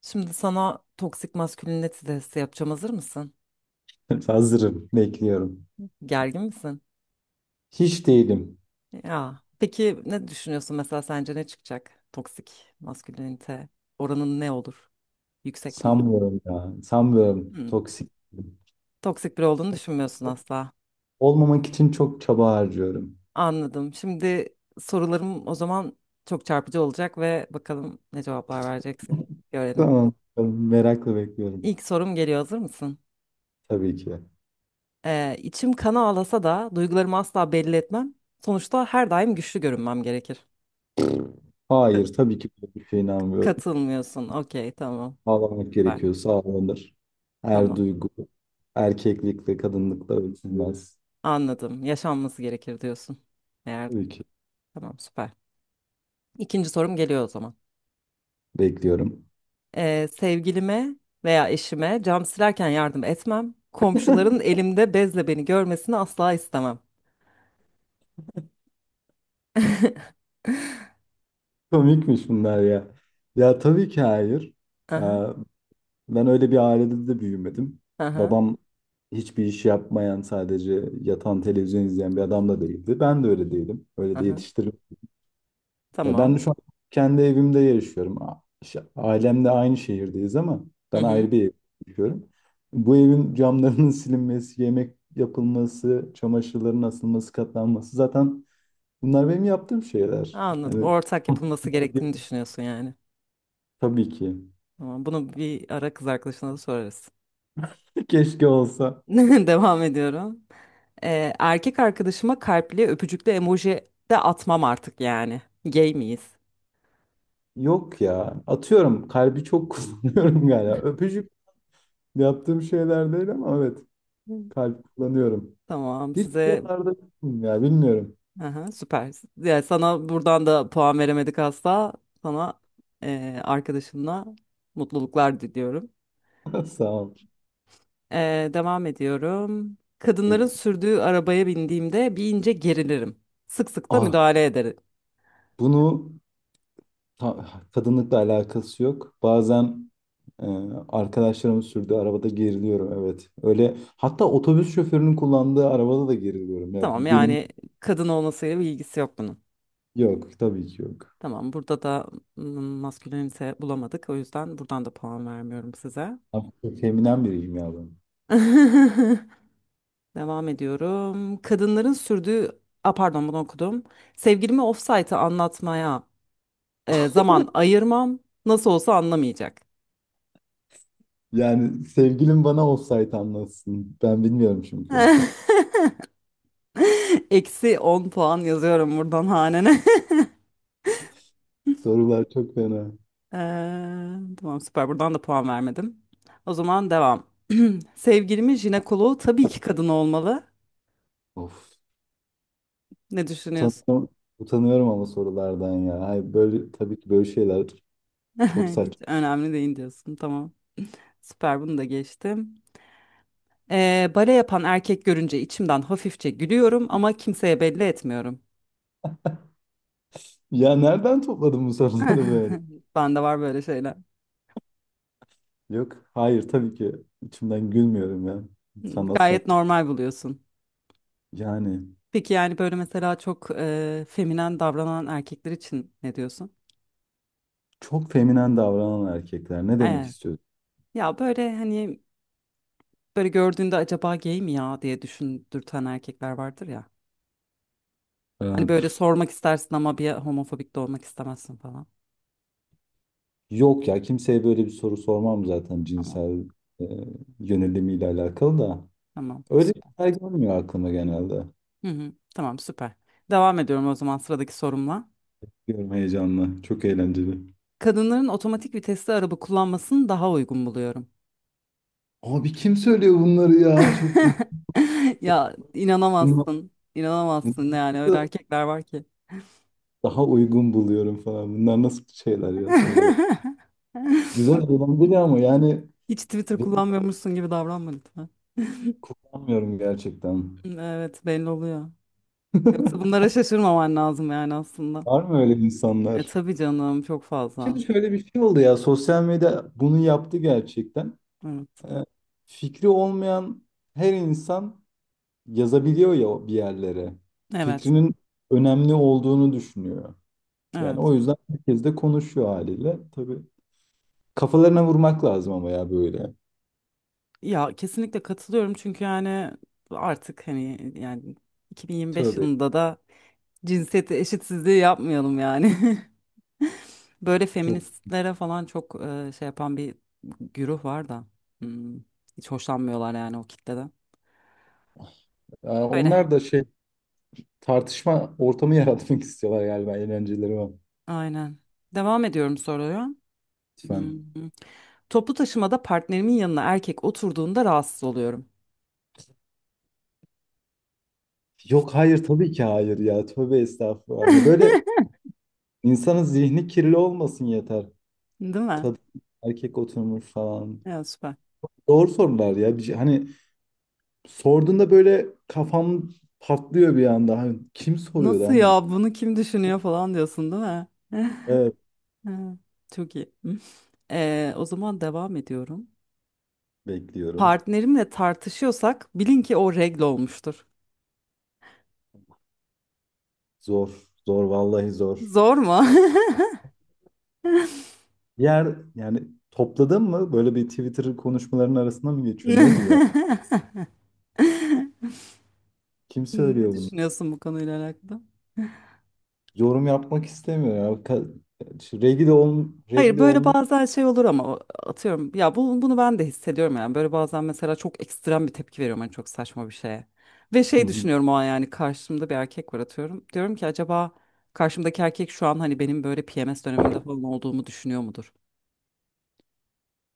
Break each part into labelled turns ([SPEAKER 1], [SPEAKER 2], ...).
[SPEAKER 1] Şimdi sana toksik maskülinite testi yapacağım. Hazır mısın?
[SPEAKER 2] Hazırım, bekliyorum.
[SPEAKER 1] Gergin misin?
[SPEAKER 2] Hiç değilim.
[SPEAKER 1] Ya. Peki ne düşünüyorsun mesela sence ne çıkacak? Toksik maskülinite oranın ne olur? Yüksek mi olur?
[SPEAKER 2] Sanmıyorum ya. Sanmıyorum.
[SPEAKER 1] Hmm.
[SPEAKER 2] Toksik.
[SPEAKER 1] Toksik biri olduğunu düşünmüyorsun asla.
[SPEAKER 2] Olmamak için çok çaba harcıyorum.
[SPEAKER 1] Anladım. Şimdi sorularım o zaman çok çarpıcı olacak ve bakalım ne cevaplar vereceksin. Görelim.
[SPEAKER 2] Tamam. Merakla bekliyorum.
[SPEAKER 1] İlk sorum geliyor. Hazır mısın?
[SPEAKER 2] Tabii ki.
[SPEAKER 1] İçim kana ağlasa da duygularımı asla belli etmem. Sonuçta her daim güçlü görünmem gerekir.
[SPEAKER 2] Hayır, tabii ki böyle bir şeye inanmıyorum.
[SPEAKER 1] Katılmıyorsun. Okey, tamam.
[SPEAKER 2] Ağlamak
[SPEAKER 1] Süper.
[SPEAKER 2] gerekiyorsa ağlanır. Her
[SPEAKER 1] Tamam.
[SPEAKER 2] duygu erkeklikle, kadınlıkla ölçülmez.
[SPEAKER 1] Anladım. Yaşanması gerekir diyorsun. Eğer
[SPEAKER 2] Tabii ki
[SPEAKER 1] tamam, süper. İkinci sorum geliyor o zaman.
[SPEAKER 2] bekliyorum.
[SPEAKER 1] Sevgilime veya eşime cam silerken yardım etmem. Komşuların elimde bezle beni görmesini asla istemem.
[SPEAKER 2] Komikmiş bunlar ya. Ya tabii ki hayır. Ee,
[SPEAKER 1] Aha,
[SPEAKER 2] Ben öyle bir ailede de büyümedim.
[SPEAKER 1] aha,
[SPEAKER 2] Babam hiçbir iş yapmayan, sadece yatan televizyon izleyen bir adam da değildi. Ben de öyle değilim. Öyle de
[SPEAKER 1] aha.
[SPEAKER 2] yetiştirildim. Ya
[SPEAKER 1] Tamam.
[SPEAKER 2] ben şu an kendi evimde yaşıyorum. Ailemle aynı şehirdeyiz ama
[SPEAKER 1] Hı
[SPEAKER 2] ben
[SPEAKER 1] hı.
[SPEAKER 2] ayrı bir evde yaşıyorum. Bu evin camlarının silinmesi, yemek yapılması, çamaşırların asılması, katlanması zaten bunlar benim yaptığım şeyler.
[SPEAKER 1] Anladım.
[SPEAKER 2] Yani
[SPEAKER 1] Ortak yapılması gerektiğini düşünüyorsun yani.
[SPEAKER 2] tabii ki.
[SPEAKER 1] Tamam. Bunu bir ara kız arkadaşına da sorarız.
[SPEAKER 2] Keşke olsa.
[SPEAKER 1] Devam ediyorum. Erkek arkadaşıma kalpli öpücüklü emoji de atmam artık yani. Gay miyiz?
[SPEAKER 2] Yok ya. Atıyorum kalbi çok kullanıyorum galiba. Öpücük yaptığım şeyler değil ama evet
[SPEAKER 1] Hı.
[SPEAKER 2] kalp kullanıyorum.
[SPEAKER 1] Tamam,
[SPEAKER 2] Hiç
[SPEAKER 1] size
[SPEAKER 2] buralarda yokum ya bilmiyorum.
[SPEAKER 1] aha, süper. Ya sana buradan da puan veremedik asla. Sana arkadaşınla mutluluklar diliyorum.
[SPEAKER 2] Sağ ol.
[SPEAKER 1] E, devam ediyorum. Kadınların
[SPEAKER 2] Peki.
[SPEAKER 1] sürdüğü arabaya bindiğimde bir ince gerilirim. Sık sık da
[SPEAKER 2] Ah
[SPEAKER 1] müdahale ederim.
[SPEAKER 2] bunu ta- kadınlıkla alakası yok. Bazen e, arkadaşlarım sürdüğü arabada geriliyorum evet. Öyle hatta otobüs şoförünün kullandığı arabada da geriliyorum ya.
[SPEAKER 1] Tamam,
[SPEAKER 2] Bu benim
[SPEAKER 1] yani kadın olmasıyla bir ilgisi yok bunun.
[SPEAKER 2] yok tabii ki yok.
[SPEAKER 1] Tamam, burada da maskülenite bulamadık. O yüzden buradan da puan vermiyorum size.
[SPEAKER 2] Ama çok feminen biriyim ya ben.
[SPEAKER 1] Devam ediyorum. Kadınların sürdüğü, a pardon, bunu okudum. Sevgilimi ofsaytı anlatmaya zaman ayırmam. Nasıl olsa anlamayacak.
[SPEAKER 2] Yani sevgilim bana olsaydı anlatsın. Ben bilmiyorum çünkü.
[SPEAKER 1] Eksi 10 puan yazıyorum buradan hanene.
[SPEAKER 2] Sorular çok fena.
[SPEAKER 1] Eee, tamam, süper, buradan da puan vermedim. O zaman devam. Sevgilimin jinekoloğu tabii ki kadın olmalı.
[SPEAKER 2] Of.
[SPEAKER 1] Ne düşünüyorsun?
[SPEAKER 2] Utanıyorum, utanıyorum ama sorulardan ya. Hayır, böyle tabii ki böyle şeyler çok
[SPEAKER 1] Hiç
[SPEAKER 2] saçma.
[SPEAKER 1] önemli değil diyorsun. Tamam. Süper, bunu da geçtim. Bale yapan erkek görünce içimden hafifçe gülüyorum ama kimseye belli etmiyorum.
[SPEAKER 2] Ya nereden topladın bu soruları böyle?
[SPEAKER 1] Bende var böyle şeyler.
[SPEAKER 2] Yok, hayır tabii ki içimden gülmüyorum ya.
[SPEAKER 1] Hmm,
[SPEAKER 2] Sanatsal.
[SPEAKER 1] gayet normal buluyorsun.
[SPEAKER 2] Yani
[SPEAKER 1] Peki yani böyle mesela çok feminen davranan erkekler için ne diyorsun?
[SPEAKER 2] çok feminen davranan erkekler ne demek
[SPEAKER 1] Evet.
[SPEAKER 2] istiyorsun?
[SPEAKER 1] Ya böyle hani böyle gördüğünde acaba gay mi ya diye düşündürten erkekler vardır ya.
[SPEAKER 2] Ee,
[SPEAKER 1] Hani böyle
[SPEAKER 2] pf,
[SPEAKER 1] sormak istersin ama bir homofobik de olmak istemezsin falan.
[SPEAKER 2] yok ya kimseye böyle bir soru sormam zaten
[SPEAKER 1] Tamam.
[SPEAKER 2] cinsel e, yönelimiyle alakalı da.
[SPEAKER 1] Tamam.
[SPEAKER 2] Öyle şeyler gelmiyor aklıma genelde.
[SPEAKER 1] Hı hı, tamam, süper. Devam ediyorum o zaman sıradaki sorumla.
[SPEAKER 2] Diyorum heyecanla. Çok eğlenceli.
[SPEAKER 1] Kadınların otomatik vitesli araba kullanmasını daha uygun buluyorum.
[SPEAKER 2] Abi kim söylüyor bunları ya? Çok ilginç.
[SPEAKER 1] Ya
[SPEAKER 2] Bunlar,
[SPEAKER 1] inanamazsın. İnanamazsın
[SPEAKER 2] bunları
[SPEAKER 1] yani öyle
[SPEAKER 2] da
[SPEAKER 1] erkekler var ki.
[SPEAKER 2] daha uygun buluyorum falan. Bunlar nasıl şeyler ya sorular. Güzel eğlenceli ama yani
[SPEAKER 1] Hiç Twitter
[SPEAKER 2] ben
[SPEAKER 1] kullanmıyormuşsun gibi davranma lütfen.
[SPEAKER 2] kullanmıyorum gerçekten.
[SPEAKER 1] Evet, belli oluyor. Yoksa bunlara şaşırmaman lazım yani aslında.
[SPEAKER 2] Var mı öyle
[SPEAKER 1] E
[SPEAKER 2] insanlar?
[SPEAKER 1] tabii canım, çok
[SPEAKER 2] Şimdi
[SPEAKER 1] fazla.
[SPEAKER 2] şöyle bir şey oldu ya. Sosyal medya bunu yaptı gerçekten.
[SPEAKER 1] Evet.
[SPEAKER 2] Ee, fikri olmayan her insan yazabiliyor ya bir yerlere.
[SPEAKER 1] Evet.
[SPEAKER 2] Fikrinin önemli olduğunu düşünüyor. Yani
[SPEAKER 1] Evet.
[SPEAKER 2] o yüzden herkes de konuşuyor haliyle. Tabii kafalarına vurmak lazım ama ya böyle.
[SPEAKER 1] Ya kesinlikle katılıyorum çünkü yani artık hani yani 2025
[SPEAKER 2] Tövbe.
[SPEAKER 1] yılında da cinsiyet eşitsizliği yapmayalım yani. Böyle
[SPEAKER 2] Çok.
[SPEAKER 1] feministlere falan çok şey yapan bir güruh var da hmm, hiç hoşlanmıyorlar yani o kitleden.
[SPEAKER 2] Aa,
[SPEAKER 1] Öyle.
[SPEAKER 2] onlar da şey tartışma ortamı yaratmak istiyorlar galiba eğlenceleri var.
[SPEAKER 1] Aynen. Devam ediyorum soruya.
[SPEAKER 2] Lütfen.
[SPEAKER 1] Hmm. Toplu taşımada partnerimin yanına erkek oturduğunda rahatsız oluyorum.
[SPEAKER 2] Yok hayır tabii ki hayır ya. Tövbe estağfurullah. Ya böyle insanın zihni kirli olmasın yeter.
[SPEAKER 1] Değil mi?
[SPEAKER 2] Kadın erkek oturmuş falan.
[SPEAKER 1] Ya süper.
[SPEAKER 2] Doğru sorular ya. Hani sorduğunda böyle kafam patlıyor bir anda. Hani kim soruyor
[SPEAKER 1] Nasıl
[SPEAKER 2] lan bunu?
[SPEAKER 1] ya, bunu kim düşünüyor falan diyorsun değil mi?
[SPEAKER 2] Evet
[SPEAKER 1] Ha, çok iyi. Hı. O zaman devam ediyorum.
[SPEAKER 2] bekliyorum.
[SPEAKER 1] Partnerimle tartışıyorsak bilin ki o regl olmuştur.
[SPEAKER 2] Zor. Zor vallahi zor.
[SPEAKER 1] Zor mu?
[SPEAKER 2] Yer yani topladın mı? Böyle bir Twitter konuşmalarının arasında mı geçiyor? Ne bu ya? Kim
[SPEAKER 1] Ne
[SPEAKER 2] söylüyor bunu?
[SPEAKER 1] düşünüyorsun bu konuyla alakalı?
[SPEAKER 2] Yorum yapmak istemiyor ya. Şu
[SPEAKER 1] Hayır,
[SPEAKER 2] regli
[SPEAKER 1] böyle
[SPEAKER 2] olmuş.
[SPEAKER 1] bazen şey olur ama atıyorum ya bu, bunu ben de hissediyorum yani böyle bazen mesela çok ekstrem bir tepki veriyorum hani çok saçma bir şeye. Ve
[SPEAKER 2] Hı
[SPEAKER 1] şey
[SPEAKER 2] hı.
[SPEAKER 1] düşünüyorum o an yani karşımda bir erkek var atıyorum. Diyorum ki acaba karşımdaki erkek şu an hani benim böyle PMS dönemimde falan olduğumu düşünüyor mudur?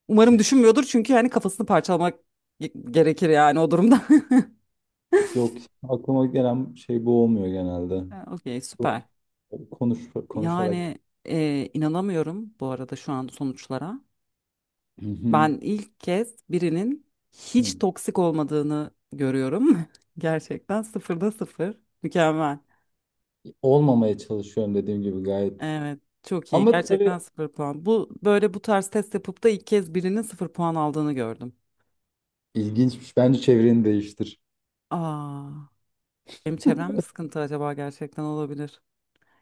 [SPEAKER 1] Umarım düşünmüyordur çünkü yani kafasını parçalamak gerekir yani o durumda.
[SPEAKER 2] Yok aklıma gelen şey bu olmuyor genelde.
[SPEAKER 1] Ha, okey,
[SPEAKER 2] Bu-
[SPEAKER 1] süper.
[SPEAKER 2] Konuş, konuşarak.
[SPEAKER 1] Yani inanamıyorum bu arada şu an sonuçlara.
[SPEAKER 2] Hı hı.
[SPEAKER 1] Ben ilk kez birinin hiç
[SPEAKER 2] Hı.
[SPEAKER 1] toksik olmadığını görüyorum. Gerçekten sıfırda sıfır. Mükemmel.
[SPEAKER 2] Olmamaya çalışıyorum dediğim gibi gayet.
[SPEAKER 1] Evet, çok iyi,
[SPEAKER 2] Ama tabii
[SPEAKER 1] gerçekten sıfır puan. Bu böyle bu tarz test yapıp da ilk kez birinin sıfır puan aldığını gördüm.
[SPEAKER 2] ilginçmiş. Bence çevreni değiştir.
[SPEAKER 1] Aa, benim çevrem mi sıkıntı acaba, gerçekten olabilir.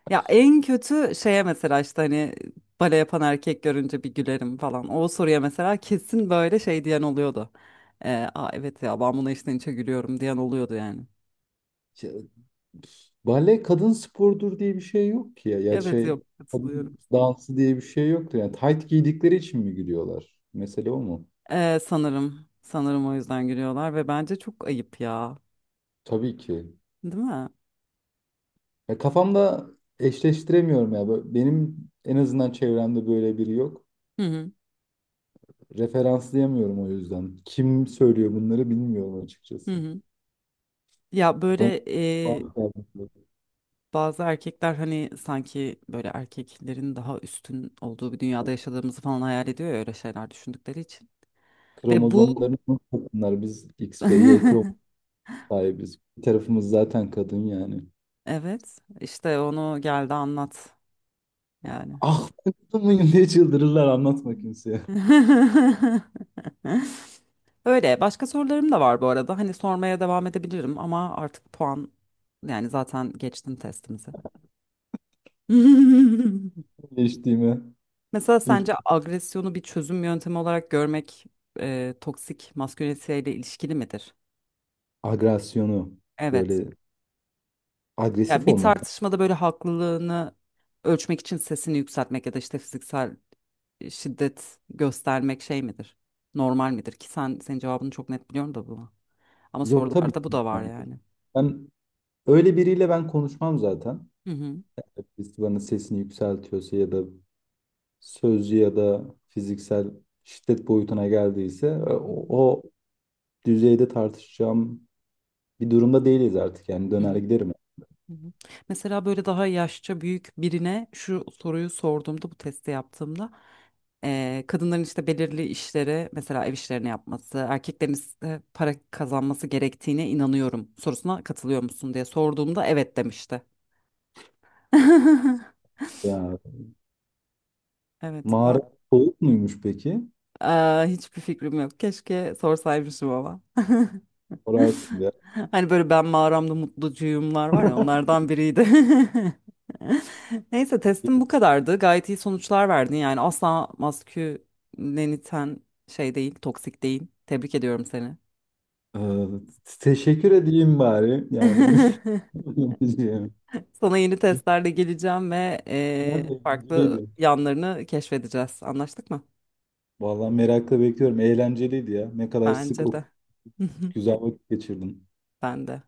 [SPEAKER 1] Ya en kötü şeye mesela işte hani bale yapan erkek görünce bir gülerim falan. O soruya mesela kesin böyle şey diyen oluyordu. Aa, evet ya ben buna içten içe gülüyorum diyen oluyordu yani.
[SPEAKER 2] Bale kadın sporudur diye bir şey yok ki ya. Ya
[SPEAKER 1] Evet,
[SPEAKER 2] şey
[SPEAKER 1] yok, katılıyorum.
[SPEAKER 2] kadın dansı diye bir şey yoktu. Yani tayt giydikleri için mi gülüyorlar? Mesele o mu?
[SPEAKER 1] Sanırım o yüzden gülüyorlar ve bence çok ayıp ya.
[SPEAKER 2] Tabii ki.
[SPEAKER 1] Değil mi?
[SPEAKER 2] Ya kafamda eşleştiremiyorum ya. Böyle- Benim en azından çevremde böyle biri yok.
[SPEAKER 1] Hı hı.
[SPEAKER 2] Referanslayamıyorum o yüzden. Kim söylüyor bunları bilmiyorum
[SPEAKER 1] Hı
[SPEAKER 2] açıkçası.
[SPEAKER 1] hı. Ya böyle
[SPEAKER 2] Bana
[SPEAKER 1] e, bazı erkekler hani sanki böyle erkeklerin daha üstün olduğu bir dünyada yaşadığımızı falan hayal ediyor ya öyle şeyler düşündükleri için. Ve bu
[SPEAKER 2] kromozomlarımız kadınlar. Biz X ve Y kromozom sahibiz. Bir tarafımız zaten kadın yani.
[SPEAKER 1] evet, işte onu geldi anlat yani.
[SPEAKER 2] Ah ben kadın mıyım diye çıldırırlar anlatma kimseye.
[SPEAKER 1] Öyle. Başka sorularım da var bu arada. Hani sormaya devam edebilirim ama artık puan yani zaten geçtim testimizi.
[SPEAKER 2] Geçtiğime.
[SPEAKER 1] Mesela
[SPEAKER 2] İlk
[SPEAKER 1] sence agresyonu bir çözüm yöntemi olarak görmek toksik masküleniteyle ilişkili midir?
[SPEAKER 2] agresyonu.
[SPEAKER 1] Evet.
[SPEAKER 2] Böyle
[SPEAKER 1] Ya
[SPEAKER 2] agresif
[SPEAKER 1] bir
[SPEAKER 2] olmaktan.
[SPEAKER 1] tartışmada böyle haklılığını ölçmek için sesini yükseltmek ya da işte fiziksel şiddet göstermek şey midir? Normal midir? Ki sen senin cevabını çok net biliyorum da bu. Ama
[SPEAKER 2] Yok tabii ki.
[SPEAKER 1] sorularda bu da var
[SPEAKER 2] Yani
[SPEAKER 1] yani.
[SPEAKER 2] ben öyle biriyle ben konuşmam zaten.
[SPEAKER 1] Hı hı.
[SPEAKER 2] Birisi bana sesini yükseltiyorsa ya da sözlü ya da fiziksel şiddet boyutuna geldiyse
[SPEAKER 1] Hı hı.
[SPEAKER 2] o düzeyde tartışacağım bir durumda değiliz artık. Yani
[SPEAKER 1] Hı hı.
[SPEAKER 2] döner giderim.
[SPEAKER 1] Hı hı. Mesela böyle daha yaşça büyük birine şu soruyu sorduğumda bu testi yaptığımda kadınların işte belirli işleri mesela ev işlerini yapması erkeklerin ise para kazanması gerektiğine inanıyorum sorusuna katılıyor musun diye sorduğumda evet demişti.
[SPEAKER 2] Ya
[SPEAKER 1] Evet,
[SPEAKER 2] mağara
[SPEAKER 1] var.
[SPEAKER 2] soğuk muymuş peki?
[SPEAKER 1] Aa, hiçbir fikrim yok. Keşke sorsaymışım ama.
[SPEAKER 2] Sorarsın ya.
[SPEAKER 1] Hani böyle ben mağaramda mutlucuyumlar var ya, onlardan biriydi. Neyse, testim bu kadardı. Gayet iyi sonuçlar verdin. Yani asla masküleniten şey değil, toksik değil. Tebrik ediyorum seni.
[SPEAKER 2] Ee, teşekkür edeyim bari. Yani yani,
[SPEAKER 1] Sana yeni testlerle geleceğim ve
[SPEAKER 2] nerede
[SPEAKER 1] farklı
[SPEAKER 2] eğlenceliydi.
[SPEAKER 1] yanlarını keşfedeceğiz. Anlaştık mı?
[SPEAKER 2] Vallahi merakla bekliyorum. Eğlenceliydi ya. Ne kadar sık
[SPEAKER 1] Bence
[SPEAKER 2] o
[SPEAKER 1] de.
[SPEAKER 2] güzel vakit geçirdim.
[SPEAKER 1] Ben de.